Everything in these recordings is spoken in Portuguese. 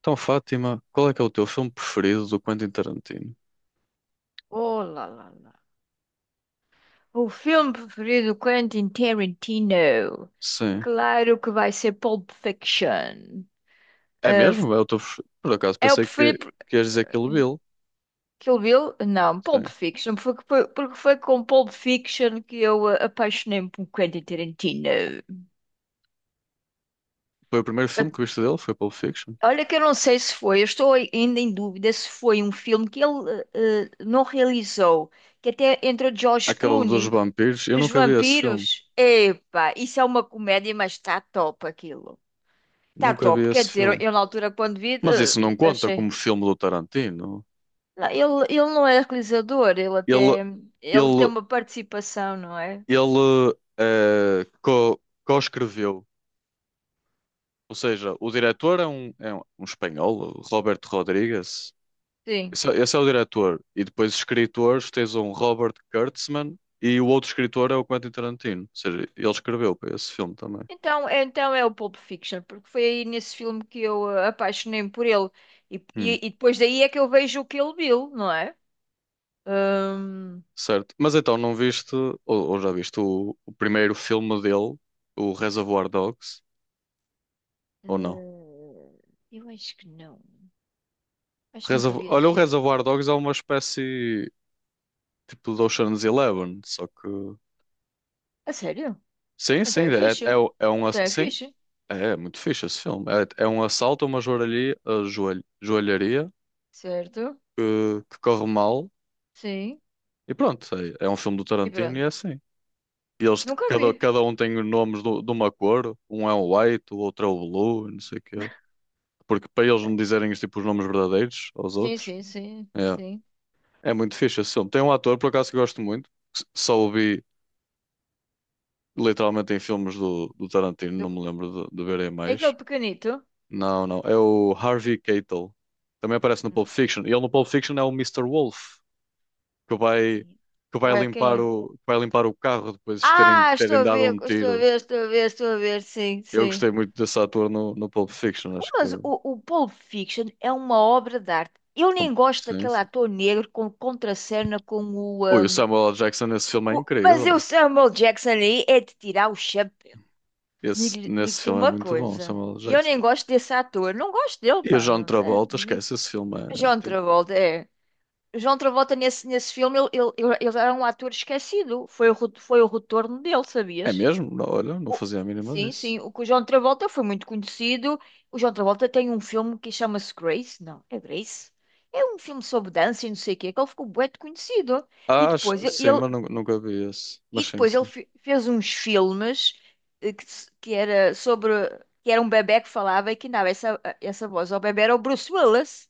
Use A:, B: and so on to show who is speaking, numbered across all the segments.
A: Então, Fátima, qual é que é o teu filme preferido do Quentin Tarantino?
B: Oh, lá, lá, lá. O filme preferido do Quentin Tarantino.
A: Sim.
B: Claro que vai ser Pulp Fiction.
A: É
B: Ah,
A: mesmo? É o teu Por acaso
B: É o
A: pensei
B: preferido.
A: que ias dizer Kill Bill.
B: Kill Bill? Não, Pulp
A: Sim.
B: Fiction. Porque foi com Pulp Fiction que eu apaixonei-me por Quentin Tarantino.
A: Foi o primeiro
B: Ah,
A: filme que viste dele? Foi Pulp Fiction?
B: Olha que eu não sei se foi. Eu estou ainda em dúvida se foi um filme que ele não realizou, que até entrou George
A: Aquele dos
B: Clooney.
A: vampiros? Eu
B: Dos
A: nunca vi esse filme.
B: vampiros? Epa, isso é uma comédia, mas está top aquilo. Está
A: Nunca vi
B: top. Quer
A: esse
B: dizer,
A: filme.
B: eu na altura quando vi,
A: Mas isso não conta como
B: achei.
A: filme do Tarantino.
B: Lá. Ele não é realizador,
A: Ele,
B: ele tem
A: ele,
B: uma participação, não é?
A: ele co-escreveu. Ou seja, o diretor é um espanhol, o Roberto Rodrigues.
B: Sim.
A: Esse é o diretor. E depois, escritores, tens um Robert Kurtzman e o outro escritor é o Quentin Tarantino. Ou seja, ele escreveu para esse filme também.
B: Então é o Pulp Fiction, porque foi aí nesse filme que eu apaixonei-me por ele. E,
A: Hum.
B: e, e depois daí é que eu vejo o Kill Bill, não é? Hum,
A: Certo. Mas então, não viste, ou já viste, o primeiro filme dele, o Reservoir Dogs? Ou não?
B: eh, eu acho que não. Acho que nunca vi esse
A: Olha, o
B: filme.
A: Reservoir Dogs é uma espécie tipo do Ocean's Eleven, só que...
B: A sério?
A: Sim,
B: Então
A: sim,
B: é
A: é, é,
B: fixe.
A: é um...
B: Então é
A: Sim,
B: fixe.
A: é muito fixe esse filme. É um assalto a uma joalharia, a joalharia
B: Certo?
A: que corre mal.
B: Sim.
A: E pronto, é um filme do
B: E
A: Tarantino e
B: pronto.
A: é assim. E eles,
B: Nunca vi.
A: cada um tem os nomes de uma cor, um é o white, o outro é o blue, e não sei o quê. Porque para eles não dizerem tipo, os nomes verdadeiros aos
B: Sim,
A: outros,
B: sim, sim,
A: é,
B: sim.
A: é muito fixe esse filme. Tem um ator, por acaso, que eu gosto muito, que só o vi literalmente em filmes do Tarantino, não
B: Do-
A: me lembro de verem
B: É aquele
A: mais.
B: pequenito.
A: Não, é o Harvey Keitel. Também aparece no
B: Mas-
A: Pulp Fiction. E ele no Pulp Fiction é o Mister Wolf, que vai, que
B: Que
A: vai
B: vai, quem
A: limpar
B: é?
A: que vai limpar o carro depois de
B: Estou
A: terem
B: a
A: dado
B: ver,
A: um
B: estou a
A: tiro.
B: ver, estou a ver, estou a ver, sim,
A: Eu
B: sim.
A: gostei muito desse ator no Pulp Fiction, acho que...
B: Mas o Pulp Fiction é uma obra de arte. Eu
A: bom...
B: nem gosto
A: Sim,
B: daquele
A: sim.
B: ator negro com contracena com o.
A: Ui, o Samuel L. Jackson nesse filme é
B: Mas o
A: incrível.
B: Samuel Jackson aí é de tirar o chapéu.
A: Esse,
B: Digo-
A: nesse
B: digo-te
A: filme é
B: uma
A: muito bom, o
B: coisa.
A: Samuel L.
B: E eu
A: Jackson.
B: nem gosto desse ator. Não gosto dele,
A: E o
B: pá.
A: John
B: Não sei.
A: Travolta,
B: Não me...
A: esquece, esse filme é...
B: John
A: tem-
B: Travolta, é. João Travolta, nesse filme, ele era um ator esquecido. Foi o retorno dele,
A: É
B: sabias?
A: mesmo? Não, olha, não
B: O-
A: fazia a mínima
B: sim,
A: disso.
B: sim. O que o João Travolta foi muito conhecido. O João Travolta tem um filme que chama-se Grace. Não, é Grace. É um filme sobre dança e não sei o quê, que ele ficou bué de conhecido. E depois ele,
A: Sim, mas nunca vi esse.
B: e
A: Mas sim,
B: depois ele
A: sim.
B: fez uns filmes que, que era sobre que era um bebé que falava e que dava essa voz ao bebé era o Bruce Willis.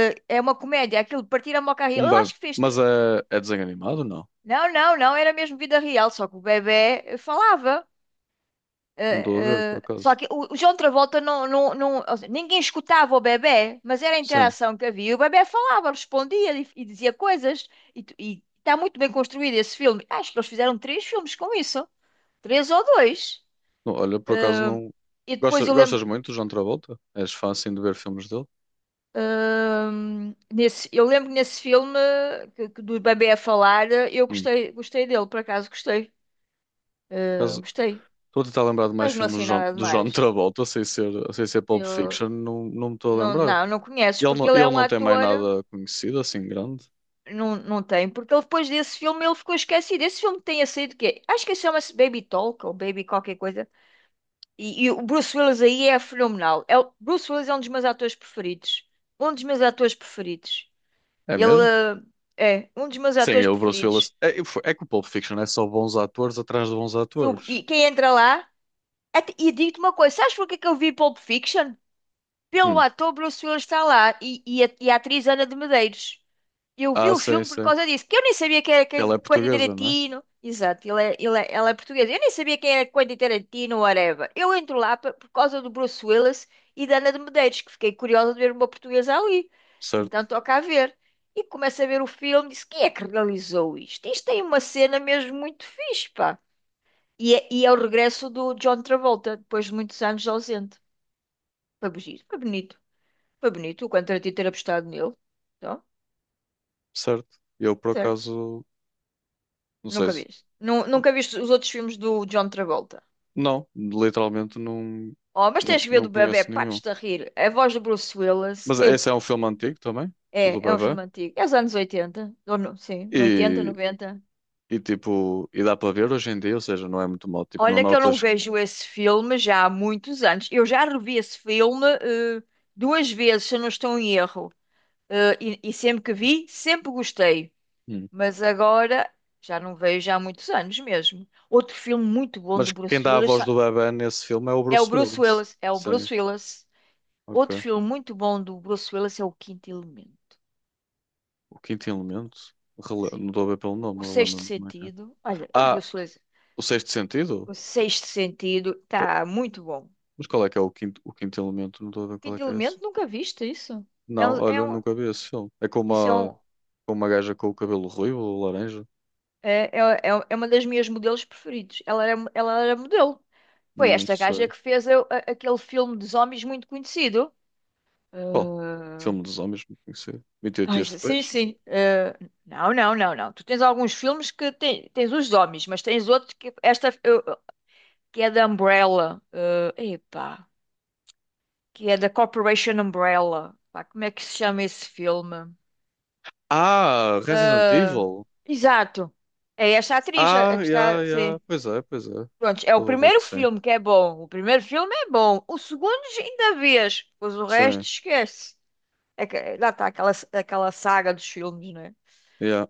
B: É uma comédia, aquilo de partir a moca a rir.
A: Um
B: Eu
A: bebê.
B: acho que fez.
A: Mas é, é desenho animado? Não.
B: Não, não, não, era mesmo vida real, só que o bebé falava.
A: Não estou a ver, por
B: Só
A: acaso.
B: que o João Travolta ou seja, ninguém escutava o bebé, mas era a
A: Sim.
B: interação que havia. O bebé falava, respondia e dizia coisas. E está muito bem construído esse filme. Acho que eles fizeram três filmes com isso, três ou dois.
A: Não, olha, por acaso
B: Ah,
A: não.
B: E depois
A: Gostas,
B: eu lembro
A: gostas
B: que,
A: muito do John Travolta? És fã assim de ver filmes dele?
B: eu lembro que nesse filme que do bebê a falar, eu
A: Hum.
B: gostei, gostei dele, por acaso gostei. Gostei.
A: Estou a tentar lembrar de mais
B: Mas não
A: filmes
B: assim nada
A: do John
B: demais.
A: Travolta, sem ser, sem ser Pulp
B: Eu
A: Fiction, não, não me estou a
B: não,
A: lembrar.
B: não, não conheces, porque ele é
A: Ele
B: um
A: não tem mais
B: ator.
A: nada conhecido assim grande,
B: Não tem, porque ele depois desse filme ele ficou esquecido. Esse filme tenha saído o quê? Acho que chama-se Baby Talk ou Baby qualquer coisa. E o Bruce Willis aí é fenomenal. Bruce Willis é um dos meus atores preferidos. Um dos meus atores preferidos.
A: é mesmo?
B: Ele é um dos meus
A: Sim,
B: atores
A: é o Bruce Willis.
B: preferidos.
A: É, é que o Pulp Fiction é só bons atores atrás de bons atores.
B: E quem entra lá. E digo-te uma coisa: sabes porquê que eu vi Pulp Fiction? Pelo
A: Hum.
B: ator Bruce Willis está lá e a atriz Ana de Medeiros. Eu vi
A: Ah,
B: o
A: sei,
B: filme por
A: sei.
B: causa disso, que eu nem sabia quem era
A: Ela
B: quem,
A: é
B: Quentin
A: portuguesa, não é?
B: Tarantino. Exato, ela é portuguesa. Eu nem sabia quem era Quentin Tarantino, whatever. Eu entro lá por causa do Bruce Willis e da Ana de Medeiros, que fiquei curiosa de ver uma portuguesa ali.
A: Certo,
B: Então toca a ver. E começo a ver o filme, disse, quem é que realizou isto? Isto tem uma cena mesmo muito fixe, pá. E é o regresso do John Travolta, depois de muitos anos ausente. Foi bonito, foi bonito. Foi bonito o Quentin Tarantino ter apostado nele. Então,
A: certo. Eu, por
B: certo.
A: acaso, não sei
B: Nunca
A: se...
B: viste. Nunca viste os outros filmes do John Travolta.
A: Não, literalmente não,
B: Oh, mas
A: não,
B: tens que ver
A: não
B: do bebé
A: conheço nenhum.
B: partes-te a rir. A voz do Bruce Willis.
A: Mas
B: É,
A: esse é um filme antigo também, o do
B: é, é um
A: bebê.
B: filme antigo. É os anos 80. Ou sim, no oitenta
A: E
B: noventa
A: e tipo, e dá para ver hoje em dia, ou seja, não é muito mal. Tipo, não
B: Olha que eu não
A: notas.
B: vejo esse filme já há muitos anos. Eu já revi esse filme duas vezes, se eu não estou em erro. E sempre que vi, sempre gostei.
A: Hum.
B: Mas agora já não vejo há muitos anos mesmo. Outro filme muito bom
A: Mas
B: do
A: quem
B: Bruce
A: dá a
B: Willis,
A: voz do
B: sabe?
A: bebé nesse filme é o
B: É o
A: Bruce
B: Bruce
A: Willis.
B: Willis. É o
A: Sim,
B: Bruce Willis. Outro
A: ok.
B: filme muito bom do Bruce Willis é O Quinto Elemento.
A: O quinto elemento?
B: Sim.
A: Não estou a ver pelo nome,
B: O Sexto
A: relembro-me como é que é.
B: Sentido. Olha, o
A: Ah,
B: Bruce Willis.
A: o sexto sentido?
B: O Sexto Sentido
A: Tô-
B: tá muito bom.
A: Mas qual é que é o quinto elemento? Não estou a ver qual é
B: Quinto
A: que é esse.
B: Elemento, nunca viste isso? É
A: Não,
B: um,
A: olha,
B: é
A: eu
B: um-
A: nunca vi esse filme. É
B: isso é, um,
A: com uma gaja com o cabelo ruivo, ou laranja?
B: é, é, é uma das minhas modelos preferidos. Ela era modelo. Foi
A: Não
B: esta gaja
A: sei.
B: que fez aquele filme de zombies muito conhecido.
A: Qual? Filme dos homens, não conheci. 28
B: Ai,
A: dias
B: sim,
A: depois?
B: sim. Não, não, não, não. Tu tens alguns filmes que tens os zombies, mas tens outros que esta. Que é da Umbrella. Epá, que é da Corporation Umbrella. Pá, como é que se chama esse filme?
A: Ah, Resident
B: Eh,
A: Evil!
B: Exato. É esta atriz a
A: Ah,
B: que
A: yeah,
B: está.
A: yeah.
B: Sim.
A: Pois é, pois é.
B: Pronto, é o
A: Estou a ver
B: primeiro
A: que sim.
B: filme que é bom. O primeiro filme é bom. O segundo ainda vês. Pois o resto
A: Sim,
B: esquece. É que, lá está aquela saga dos filmes, não é?
A: yeah.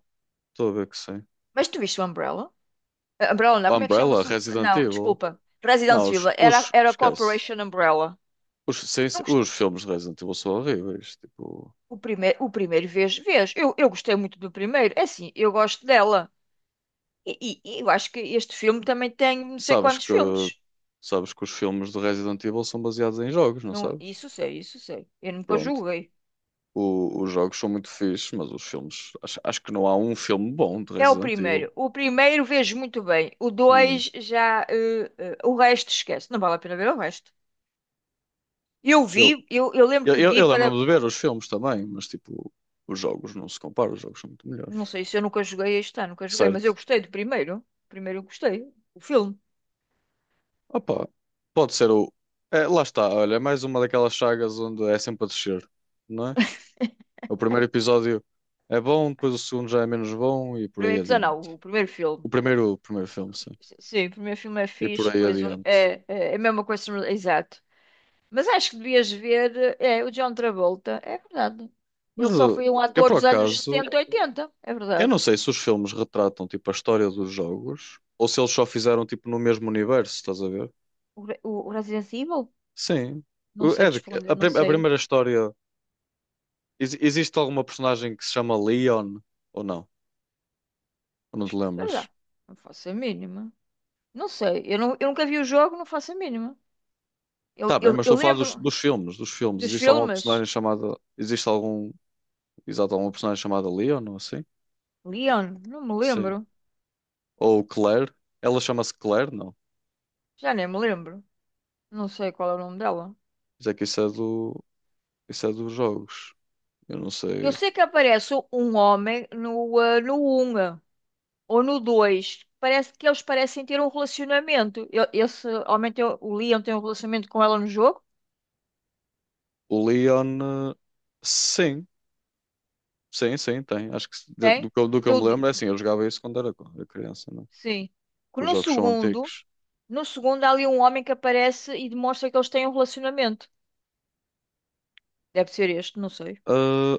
A: Estou a ver que sim.
B: Mas tu viste o Umbrella? Umbrella, não, como é que
A: Umbrella,
B: chama-se?
A: Resident
B: Não,
A: Evil.
B: desculpa. Resident
A: Não,
B: Evil. Era,
A: os
B: era
A: esquece.
B: Corporation Umbrella.
A: Os, sim,
B: Não
A: sim,
B: gostei.
A: os filmes de Resident Evil são horríveis. Tipo,
B: O primeiro vez, vês. Eu gostei muito do primeiro. É assim, eu gosto dela. E eu acho que este filme também tem não sei
A: sabes
B: quantos
A: que,
B: filmes.
A: sabes que os filmes de Resident Evil são baseados em jogos, não
B: Não,
A: sabes?
B: isso sei, isso sei. Eu nunca
A: Pronto.
B: julguei.
A: Os jogos são muito fixes, mas os filmes... Acho, acho que não há um filme bom de
B: É o
A: Resident
B: primeiro.
A: Evil.
B: O primeiro vejo muito bem. O
A: Hum.
B: dois já. O resto esquece. Não vale a pena ver o resto. Eu
A: Eu,
B: vi, eu lembro
A: eu,
B: que
A: eu
B: vi
A: eu
B: para.
A: lembro-me de ver os filmes também, mas tipo, os jogos não se comparam, os jogos são muito melhores.
B: Não sei se eu nunca joguei este ano, nunca joguei, mas
A: Certo?
B: eu gostei do primeiro. Primeiro eu gostei. O filme.
A: Opa, pode ser o... É, lá está, olha, é mais uma daquelas sagas onde é sempre a descer, não é? O primeiro episódio é bom, depois o segundo já é menos bom e por aí
B: Primeiro,
A: adiante.
B: não, o primeiro filme.
A: O primeiro filme, sim.
B: Sim, o primeiro filme é
A: E por
B: fixe,
A: aí
B: pois
A: adiante.
B: é a mesma coisa, exato. Mas acho que devias ver, é, o John Travolta, é verdade.
A: Mas
B: Ele só foi um
A: eu,
B: ator
A: por
B: dos anos
A: acaso,
B: 70 e 80, é
A: eu
B: verdade.
A: não sei se os filmes retratam tipo a história dos jogos ou se eles só fizeram tipo no mesmo universo, estás a ver?
B: O Resident Evil?
A: Sim.
B: Não
A: O-
B: sei
A: É
B: te
A: de-
B: responder,
A: a
B: não
A: a
B: sei.
A: primeira história. Existe alguma personagem que se chama Leon ou não? Ou não te
B: Espera
A: lembras?
B: lá, não faço a mínima. Não sei, eu nunca vi o jogo, não faço a mínima. Eu,
A: Tá bem,
B: eu,
A: mas
B: eu
A: estou a falar
B: lembro
A: dos filmes, dos filmes.
B: dos
A: Existe alguma
B: filmes.
A: personagem chamada... Existe algum... Exato, alguma personagem chamada Leon, não assim?
B: Leon, não me
A: Sim.
B: lembro,
A: Ou Claire. Ela chama-se Claire, não.
B: já nem me lembro. Não sei qual é o nome dela.
A: Mas é que isso é do... Isso é dos jogos. Eu não
B: Eu
A: sei.
B: sei que aparece um homem no 1. Ou no 2 parece que eles parecem ter um relacionamento. Eu, esse homem tem, o Leon tem um relacionamento com ela no jogo,
A: O Leon. eh, Sim, sim, sim, tem. Acho que do,
B: tem?
A: do que eu
B: No,
A: me
B: do-
A: lembro é assim, eu jogava isso quando era era criança, não? é?
B: sim. Que
A: Os
B: No
A: jogos são
B: segundo,
A: antigos.
B: no segundo há ali um homem que aparece e demonstra que eles têm um relacionamento. Deve ser este, não sei.
A: Ah,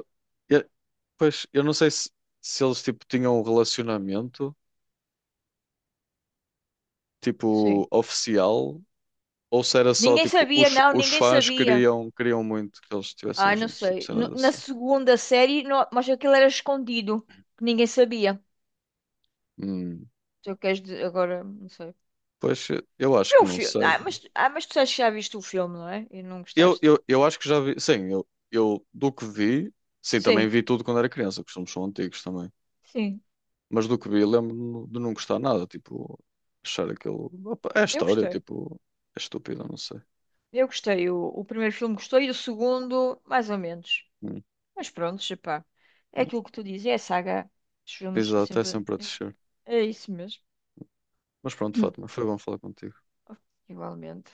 A: eu- pois, eu não sei se, se eles tipo, tinham um relacionamento
B: Sim.
A: tipo oficial. Ou se era só
B: Ninguém
A: tipo,
B: sabia, não,
A: os
B: ninguém
A: fãs
B: sabia.
A: queriam, queriam muito que eles estivessem
B: Não
A: juntos, tipo
B: sei.
A: cenas
B: Na
A: assim.
B: segunda série, mas aquilo era escondido, que ninguém sabia.
A: Hum,
B: Se eu queres dizer, agora, não sei.
A: pois eu acho
B: É
A: que
B: o
A: não
B: filme.
A: sei.
B: Mas tu sabes que já viste o filme, não é? E não
A: Eu,
B: gostaste.
A: eu, eu acho que já vi, sim, eu do que vi, sim, também
B: Sim.
A: vi tudo quando era criança, que somos são antigos também.
B: Sim,
A: Mas do que vi, lembro-me de não gostar nada, tipo, achar aquilo... opa, é
B: eu
A: história,
B: gostei.
A: tipo, é estúpido, não sei.
B: Eu gostei. O primeiro filme gostei, e o segundo, mais ou menos.
A: Hum,
B: Mas pronto, epá. É
A: é.
B: aquilo que tu dizes, é a saga dos filmes, é
A: Exato, é
B: sempre.
A: sempre a descer.
B: É isso mesmo.
A: Mas pronto, Fátima, foi bom falar contigo.
B: Igualmente.